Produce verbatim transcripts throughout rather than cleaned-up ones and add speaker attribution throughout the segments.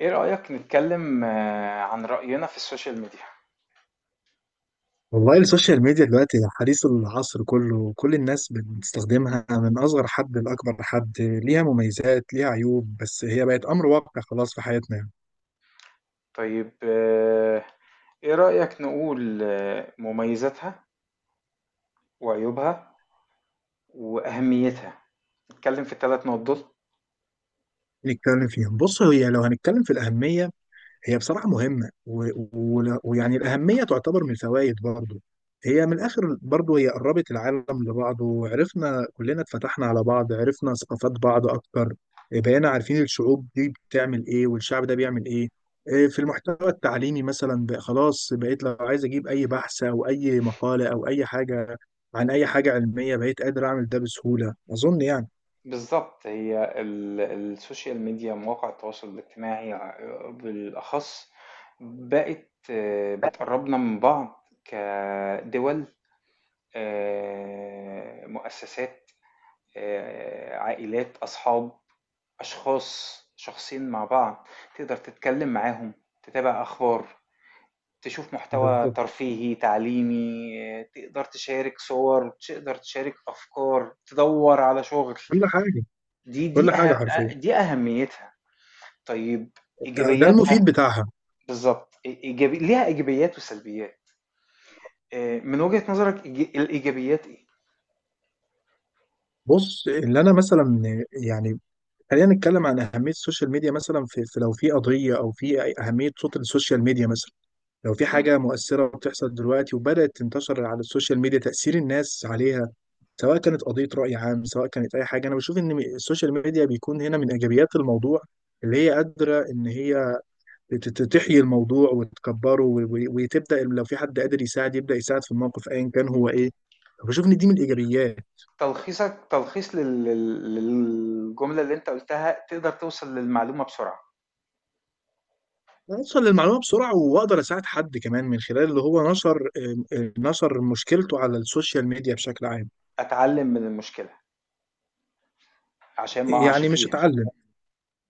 Speaker 1: ايه رأيك نتكلم آه، عن رأينا في السوشيال ميديا؟
Speaker 2: والله السوشيال ميديا دلوقتي حديث العصر كله، كل الناس بتستخدمها من أصغر حد لأكبر حد، ليها مميزات ليها عيوب، بس هي بقت أمر واقع خلاص في حياتنا يعني.
Speaker 1: طيب. آه، ايه رأيك نقول آه، مميزاتها وعيوبها وأهميتها؟ نتكلم في الثلاث نقط دول.
Speaker 2: نتكلم فيها، بص هي لو هنتكلم في الأهمية، هي بصراحة مهمة و... و... ويعني الأهمية تعتبر من الفوائد برضو. هي من الآخر برضو هي قربت العالم لبعضه، وعرفنا كلنا، اتفتحنا على بعض، عرفنا ثقافات بعض أكتر، بقينا عارفين الشعوب دي بتعمل إيه والشعب ده بيعمل إيه. إيه في المحتوى التعليمي مثلا بقى، خلاص بقيت لو عايز أجيب أي بحث أو أي مقالة أو أي حاجة عن أي حاجة علمية بقيت قادر أعمل ده بسهولة، أظن يعني.
Speaker 1: بالظبط. هي ال- السوشيال ميديا، مواقع التواصل الاجتماعي آه، بالأخص، بقت آه، بتقربنا من بعض، كدول آه، مؤسسات، آه، عائلات، أصحاب، أشخاص، شخصين مع بعض. تقدر تتكلم معاهم، تتابع أخبار، تشوف محتوى
Speaker 2: بالظبط
Speaker 1: ترفيهي، تعليمي، تقدر تشارك صور، تقدر تشارك أفكار، تدوّر على شغل.
Speaker 2: كل حاجة،
Speaker 1: دي
Speaker 2: كل
Speaker 1: دي
Speaker 2: حاجة
Speaker 1: أه أ
Speaker 2: حرفيا،
Speaker 1: دي أهميتها. طيب،
Speaker 2: ده المفيد
Speaker 1: إيجابياتها.
Speaker 2: بتاعها.
Speaker 1: بالضبط. إي إيجابي، ليها إيجابيات وسلبيات. آآ من وجهة نظرك إيج الإيجابيات إيه؟
Speaker 2: بص اللي انا مثلا يعني، خلينا نتكلم عن اهميه السوشيال ميديا مثلا، في في- لو في قضيه او في أي- اهميه صوت السوشيال ميديا مثلا. لو في
Speaker 1: إمم.
Speaker 2: حاجه مؤثره بتحصل دلوقتي وبدات تنتشر على السوشيال ميديا، تاثير الناس عليها سواء كانت قضيه راي عام سواء كانت اي حاجه، انا بشوف ان السوشيال ميديا بيكون هنا من ايجابيات الموضوع، اللي هي قادره ان هي ت- ت- تحيي الموضوع وتكبره و- و- وتبدا، لو في حد قادر يساعد يبدا يساعد في الموقف ايا كان هو ايه. بشوف ان دي من الايجابيات.
Speaker 1: تلخيصك تلخيص لل لل للجملة اللي أنت قُلتها. تقدر توصل للمعلومة بسرعة،
Speaker 2: اوصل للمعلومه بسرعه، واقدر اساعد حد كمان من خلال اللي هو نشر، آه، نشر مشكلته على السوشيال ميديا بشكل عام.
Speaker 1: أتعلم من المشكلة عشان ما اقعش
Speaker 2: يعني مش
Speaker 1: فيها.
Speaker 2: اتعلم،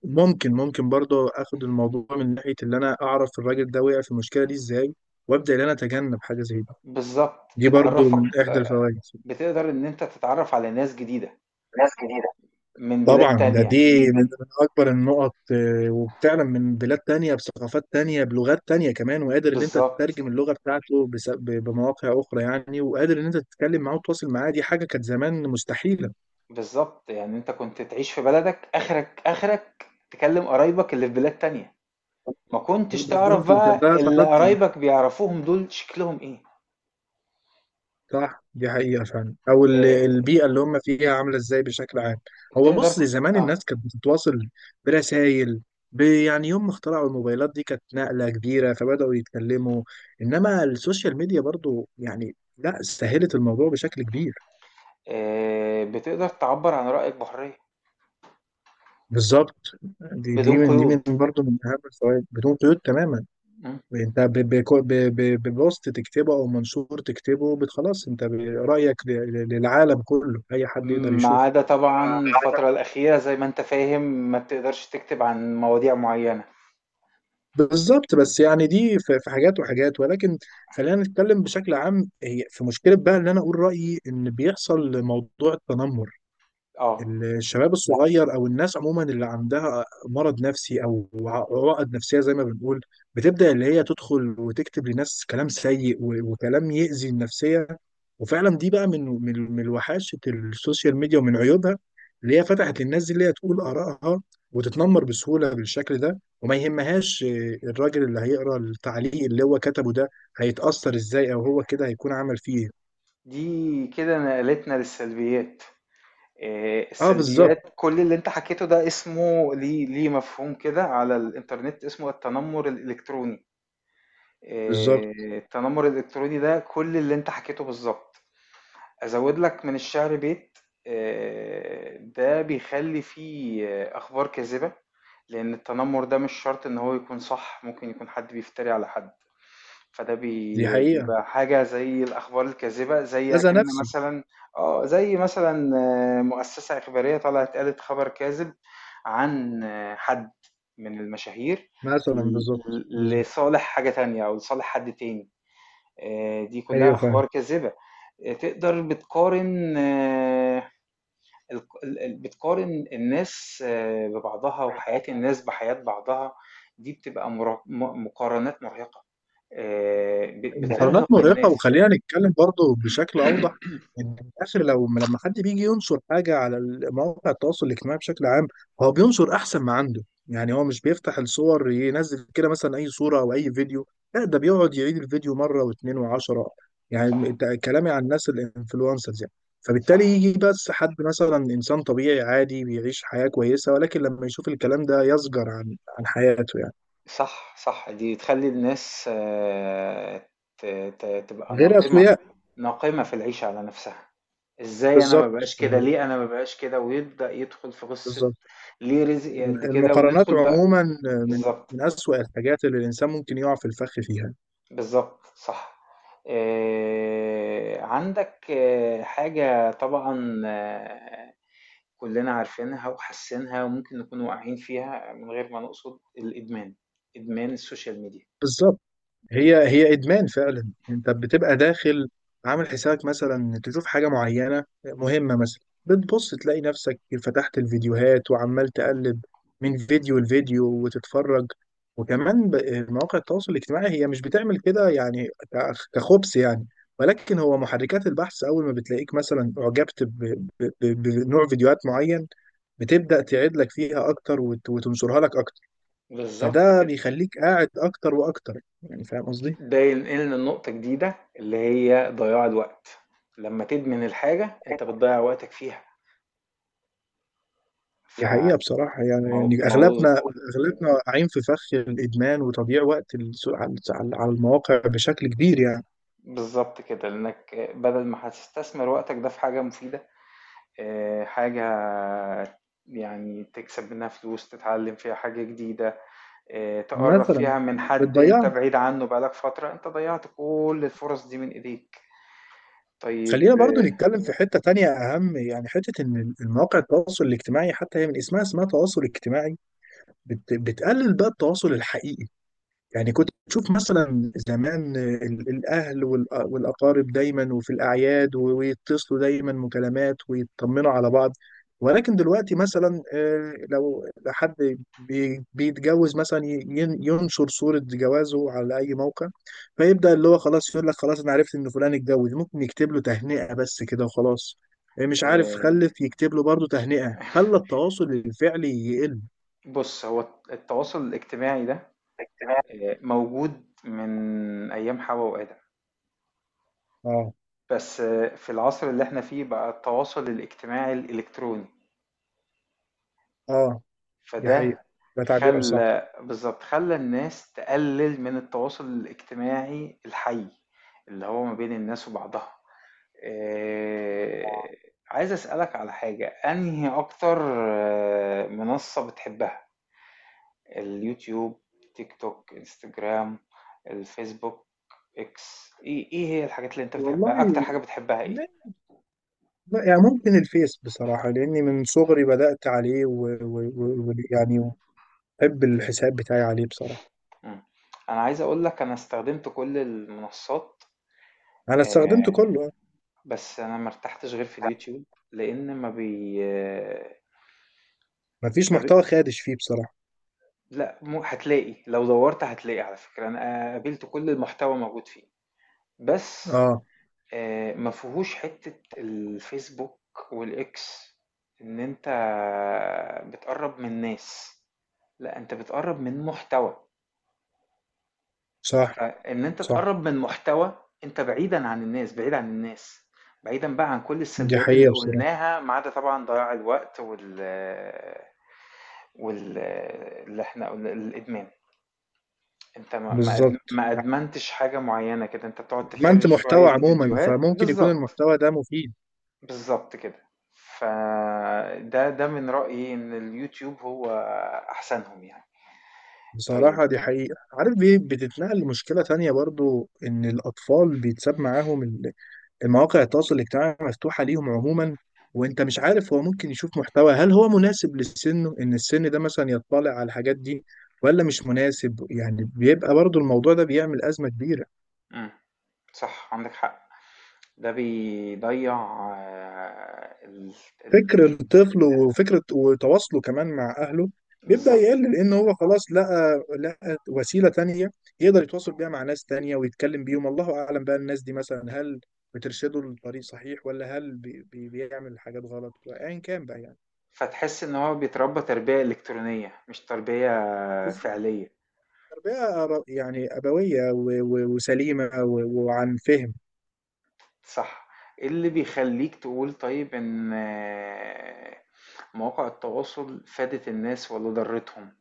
Speaker 2: ممكن ممكن برضه اخد الموضوع من ناحيه اللي انا اعرف الراجل ده وقع في المشكله دي ازاي، وابدا ان انا اتجنب حاجه زي دي.
Speaker 1: بالظبط،
Speaker 2: دي برضه من
Speaker 1: بتعرفك.
Speaker 2: احدى الفوائد.
Speaker 1: بتقدر ان انت تتعرف على ناس جديدة من بلاد
Speaker 2: طبعا ده دي
Speaker 1: تانية.
Speaker 2: من من اكبر النقط، آه، وفعلا من بلاد تانية بثقافات تانية بلغات تانية كمان، وقادر ان انت
Speaker 1: بالظبط،
Speaker 2: تترجم اللغة بتاعته بس- ب- بمواقع اخرى يعني، وقادر ان انت تتكلم معاه وتتواصل معاه، دي حاجة كانت زمان مستحيلة.
Speaker 1: بالظبط. يعني انت كنت تعيش في بلدك، اخرك اخرك تكلم قرايبك اللي في بلاد تانية. ما كنتش تعرف
Speaker 2: بالظبط وكان
Speaker 1: بقى
Speaker 2: ده
Speaker 1: اللي
Speaker 2: تقدم.
Speaker 1: قرايبك بيعرفوهم دول شكلهم ايه.
Speaker 2: صح دي حقيقة فعلا، أو ال-
Speaker 1: آه،
Speaker 2: البيئة اللي هم فيها عاملة إزاي بشكل عام. هو
Speaker 1: تقدر.
Speaker 2: بص زمان
Speaker 1: اه.
Speaker 2: الناس كانت بتتواصل برسائل، ب- يعني يوم ما اخترعوا الموبايلات دي كانت نقلة كبيرة فبدأوا يتكلموا، إنما السوشيال ميديا برضو يعني لا سهلت الموضوع بشكل كبير.
Speaker 1: آه، بتقدر تعبر عن رأيك بحرية،
Speaker 2: بالظبط، دي دي
Speaker 1: بدون
Speaker 2: من دي
Speaker 1: قيود.
Speaker 2: من برضو من أهم الفوائد، بدون قيود تماما.
Speaker 1: م.
Speaker 2: أنت ب- بكو- ب- ب- ببوست تكتبه أو منشور تكتبه بت- خلاص أنت ب- رأيك ل- ل- للعالم كله، أي حد يقدر
Speaker 1: ما
Speaker 2: يشوفه.
Speaker 1: عدا طبعا الفترة الأخيرة، زي ما انت فاهم، ما بتقدرش تكتب عن مواضيع معينة.
Speaker 2: بالظبط، بس يعني دي في في حاجات وحاجات، ولكن خلينا نتكلم بشكل عام. هي في مشكله بقى ان انا اقول رايي، ان بيحصل موضوع التنمر.
Speaker 1: اه.
Speaker 2: الشباب الصغير او الناس عموما اللي عندها مرض نفسي او عقد نفسيه زي ما بنقول، بتبدا اللي هي تدخل وتكتب لناس كلام سيء، و- وكلام يؤذي النفسيه. وفعلا دي بقى من من من وحاشه السوشيال ميديا ومن عيوبها، اللي هي فتحت للناس دي اللي هي تقول ارائها وتتنمر بسهوله بالشكل ده، وما يهمهاش آه، الراجل اللي هيقرا التعليق اللي هو كتبه ده هيتاثر ازاي، او هو كده هيكون عمل فيه إيه.
Speaker 1: دي كده نقلتنا للسلبيات. آه،
Speaker 2: اه بالظبط.
Speaker 1: السلبيات. كل اللي انت حكيته ده اسمه ليه ليه مفهوم كده على الانترنت، اسمه التنمر الالكتروني. آه،
Speaker 2: بالظبط.
Speaker 1: التنمر الالكتروني ده كل اللي انت حكيته بالظبط. ازود لك من الشعر بيت. آه، ده بيخلي فيه آه، اخبار كاذبة. لان التنمر ده مش شرط ان هو يكون صح، ممكن يكون حد بيفتري على حد. فده
Speaker 2: دي
Speaker 1: بي-
Speaker 2: حقيقه،
Speaker 1: بيبقى حاجة زي الأخبار الكاذبة، زي
Speaker 2: اذى
Speaker 1: أكن
Speaker 2: نفسي.
Speaker 1: مثلا. اه، زي مثلا آه، مؤسسة إخبارية طلعت قالت خبر كاذب عن آه، حد من المشاهير،
Speaker 2: مثلا
Speaker 1: ل-
Speaker 2: بالظبط
Speaker 1: ل-
Speaker 2: بالظبط.
Speaker 1: لصالح حاجة تانية أو لصالح حد تاني. آه، دي كلها
Speaker 2: ايوه فاهم.
Speaker 1: أخبار كاذبة. آه، تقدر بتقارن. آه، الق ال ال بتقارن الناس آآ ببعضها، وحياة الناس بحياة بعضها. دي بتبقى مر م مقارنات مرهقة، آآ ب
Speaker 2: المقارنات
Speaker 1: بترهق
Speaker 2: مرهقة،
Speaker 1: الناس.
Speaker 2: وخلينا نتكلم برضو بشكل أوضح، إن في الآخر لو لما حد بيجي ينشر حاجة على مواقع التواصل الاجتماعي بشكل عام، هو بينشر أحسن ما عنده. يعني هو مش بيفتح الصور ينزل كده مثلا أي صورة أو أي فيديو، لا ده بيقعد يعيد الفيديو مرة واتنين وعشرة. يعني
Speaker 1: صح،
Speaker 2: ده كلامي عن الناس الانفلونسرز يعني. فبالتالي
Speaker 1: صح،
Speaker 2: يجي بس حد مثلا إنسان طبيعي عادي بيعيش حياة كويسة، ولكن لما يشوف الكلام ده يزجر عن عن حياته يعني،
Speaker 1: صح، صح. دي تخلّي الناس آه، ت ت تبقى
Speaker 2: غير
Speaker 1: ناقمة،
Speaker 2: أسوياء.
Speaker 1: ناقمة في العيشة على نفسها. إزاي أنا ما
Speaker 2: بالظبط
Speaker 1: أبقاش كده، ليه أنا ما أبقاش كده، ويبدأ يدخل في قصة
Speaker 2: بالظبط.
Speaker 1: ليه رزقي قد كده،
Speaker 2: المقارنات
Speaker 1: وندخل بقى.
Speaker 2: عموما من
Speaker 1: بالضبط.
Speaker 2: من أسوأ الحاجات اللي الإنسان ممكن يقع في الفخ فيها.
Speaker 1: بالضبط، صح. آآ عندك آآ حاجة طبعًا آه، كُلّنا عارفينها وحاسينها وممكن نكون واقعين فيها من غير ما نقصد، الإدمان، إدمان السوشيال ميديا.
Speaker 2: بالظبط، هي هي ادمان فعلا. انت بتبقى داخل عامل حسابك مثلا تشوف حاجه معينه مهمه مثلا، بتبص تلاقي نفسك فتحت الفيديوهات وعمال تقلب من فيديو لفيديو وتتفرج. وكمان ب- مواقع التواصل الاجتماعي هي مش بتعمل كده يعني ك- كخبث يعني، ولكن هو محركات البحث اول ما بتلاقيك مثلا اعجبت ب- ب- ب- بنوع فيديوهات معين، بتبدأ تعيد لك فيها اكتر وت- وتنشرها لك اكتر،
Speaker 1: بالضبط
Speaker 2: فده
Speaker 1: كده.
Speaker 2: بيخليك قاعد اكتر واكتر، يعني فاهم قصدي.
Speaker 1: ده ينقلنا لنقطة جديدة اللي هي ضياع الوقت. لمّا تدمن الحاجة أنت بتضيّع وقتك فيها. ف
Speaker 2: دي حقيقة بصراحة يعني،
Speaker 1: مو
Speaker 2: يعني
Speaker 1: مو
Speaker 2: أغلبنا، أغلبنا واقعين في فخ الإدمان وتضييع وقت الس- على على المواقع بشكل كبير يعني.
Speaker 1: بالضبط كده، لإنّك بدل ما هتستثمر وقتك ده في حاجة مفيدة، آه، حاجة يعني تكسب منها فلوس، تتعلم فيها حاجة جديدة، آه، تقرب
Speaker 2: مثلا
Speaker 1: فيها من حد انت
Speaker 2: بتضيع.
Speaker 1: بعيد عنه بقالك فترة، انت ضيعت كل الفرص دي من ايديك.
Speaker 2: خلينا
Speaker 1: طيب.
Speaker 2: برضو
Speaker 1: آه،
Speaker 2: نتكلم في حتة تانية أهم، يعني حتة إن المواقع التواصل الاجتماعي حتى هي من اسمها اسمها تواصل اجتماعي، بت بتقلل بقى التواصل الحقيقي. يعني كنت تشوف مثلا زمان ال- الأهل والأ- والأقارب دايما وفي الأعياد و- ويتصلوا دايما مكالمات ويطمنوا على بعض، ولكن دلوقتي مثلا آه، لو حد بي- بيتجوز مثلا ي- ين- ينشر صورة جوازه على أي موقع، فيبدأ اللي هو خلاص يقول لك خلاص أنا عرفت إن فلان اتجوز، ممكن يكتب له تهنئة بس كده وخلاص. آه، مش عارف
Speaker 1: آه،
Speaker 2: خلف يكتب له برضه تهنئة، خلى التواصل الفعلي يقل.
Speaker 1: بص، هو التواصل الاجتماعي ده آه، موجود من ايام حواء وآدم،
Speaker 2: اه.
Speaker 1: بس آه، في العصر اللي احنا فيه بقى التواصل الاجتماعي الالكتروني.
Speaker 2: اه دي حقيقة،
Speaker 1: فده
Speaker 2: ده تعبير أصح.
Speaker 1: خلّى بالضبط، خلّى الناس تقلِّل من التواصل الاجتماعي الحَي، اللي هو ما بين الناس وبعضها. آآ عايز أسألك على حاجة. أنهي أكتر آه، منصّة بتحبها؟ اليوتيوب، تيك توك، إنستجرام، الفيسبوك، إكس، إيه إيه هي الحاجات اللي أنت
Speaker 2: والله
Speaker 1: بتحبها؟ أكتر حاجة بتحبها إيه؟
Speaker 2: لا، لا، يعني ممكن الفيس بصراحة، لأني من صغري بدأت عليه ويعني و... و... و... يعني بحب الحساب بتاعي عليه بصراحة.
Speaker 1: إمم. أنا عايز أقول لك، أنا استخدمت كل المنصّات.
Speaker 2: أنا استخدمته
Speaker 1: آآ
Speaker 2: كله.
Speaker 1: بس انا ما ارتحتش غير في اليوتيوب. لان ما بي
Speaker 2: مفيش
Speaker 1: ما بي...
Speaker 2: محتوى خادش فيه بصراحة.
Speaker 1: لا، مو هتلاقي. لو دورت هتلاقي، على فكرة، انا قابلت كل المحتوى موجود فيه. بس
Speaker 2: آه.
Speaker 1: آه، ما فيهوش حتة الفيسبوك والاكس ان انت بتقرب من ناس. لا، انت بتقرب من محتوى.
Speaker 2: صح
Speaker 1: فان انت
Speaker 2: صح،
Speaker 1: تقرب من محتوى، انت بعيدا عن الناس بعيد عن الناس، بعيدا بقى عن كل
Speaker 2: دي
Speaker 1: السلبيات اللي
Speaker 2: حقيقة بصراحة.
Speaker 1: قلناها، ما عدا طبعا ضياع الوقت وال وال اللي احنا قلنا الادمان. انت ما ما أد-
Speaker 2: بالظبط،
Speaker 1: ما ادمنتش حاجه معينه كده، انت بتقعد
Speaker 2: ما
Speaker 1: تفرج
Speaker 2: أنت
Speaker 1: شويه
Speaker 2: محتوى عموما،
Speaker 1: فيديوهات
Speaker 2: فممكن يكون
Speaker 1: بالظبط.
Speaker 2: المحتوى ده مفيد.
Speaker 1: بالظبط كده. فده ده من رايي ان اليوتيوب هو احسنهم يعني. طيب.
Speaker 2: بصراحة دي حقيقة، عارف بيه بتتنقل لمشكلة تانية برضو، إن الأطفال بيتساب معاهم المواقع التواصل الاجتماعي مفتوحة ليهم عموما، وانت مش عارف هو ممكن يشوف محتوى، هل هو مناسب لسنه ان السن ده مثلا يطلع على الحاجات دي ولا مش مناسب. يعني بيبقى برضو الموضوع ده بيعمل أزمة كبيرة.
Speaker 1: امم. صح، عندك حق. ده بيضيع آه، ال... ال...
Speaker 2: فكر
Speaker 1: ال-
Speaker 2: الطفل وفكرة وتواصله كمان مع أهله بيبدأ
Speaker 1: بالظبط.
Speaker 2: يقل، لأن هو خلاص لقى لقى وسيلة تانية يقدر يتواصل بيها مع ناس تانية ويتكلم بيهم، الله أعلم بقى الناس دي مثلا، هل بترشده لطريق صحيح، ولا هل بي بي- بيعمل حاجات غلط، وأيا كان بقى.
Speaker 1: فتحس ان هو بيتربى تربيه الكترونيه مش تربيه
Speaker 2: يعني
Speaker 1: فعليه.
Speaker 2: تربية أر- يعني أبوية و- و- وسليمة و- وعن فهم.
Speaker 1: صح. ايه اللي بيخليك تقول طيب ان مواقع التواصل فادت الناس ولا ضرتهم؟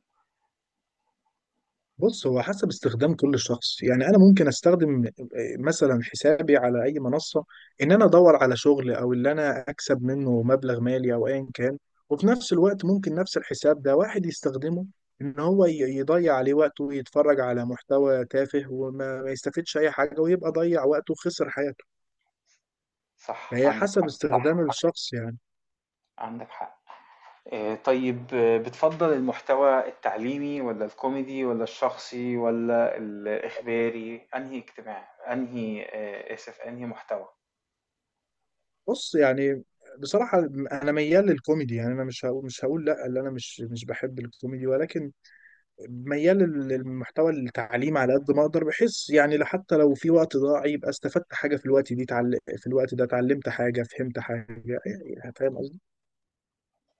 Speaker 2: بص هو حسب استخدام كل شخص يعني. أنا ممكن أستخدم آه، مثلا حسابي على أي منصة إن أنا أدور على شغل، أو اللي أنا أكسب منه مبلغ مالي أو أيا كان، وفي نفس الوقت ممكن نفس الحساب ده واحد يستخدمه إن هو ي- يضيع عليه وقته ويتفرج على محتوى تافه، وما ما يستفيدش أي حاجة، ويبقى ضيع وقته وخسر حياته.
Speaker 1: صح،
Speaker 2: فهي
Speaker 1: عندك
Speaker 2: حسب
Speaker 1: حق،
Speaker 2: استخدام صح الشخص يعني.
Speaker 1: عندك حق. آه، طيب. آه، بتفضل المحتوى التعليمي ولا الكوميدي ولا الشخصي ولا الإخباري؟ أنهي اجتماع أنهي آه، آسف، أنهي محتوى؟
Speaker 2: بص يعني، بصراحة أنا ميال للكوميدي. يعني أنا مش هقول مش هقول لأ اللي أنا مش مش بحب الكوميدي، ولكن ميال لل- للمحتوى التعليمي على قد ما أقدر. بحس يعني لا- حتى لو في وقت ضاع يبقى استفدت حاجة، في الوقت دي تعل... في الوقت ده اتعلمت حاجة فهمت حاجة، يعني فاهم.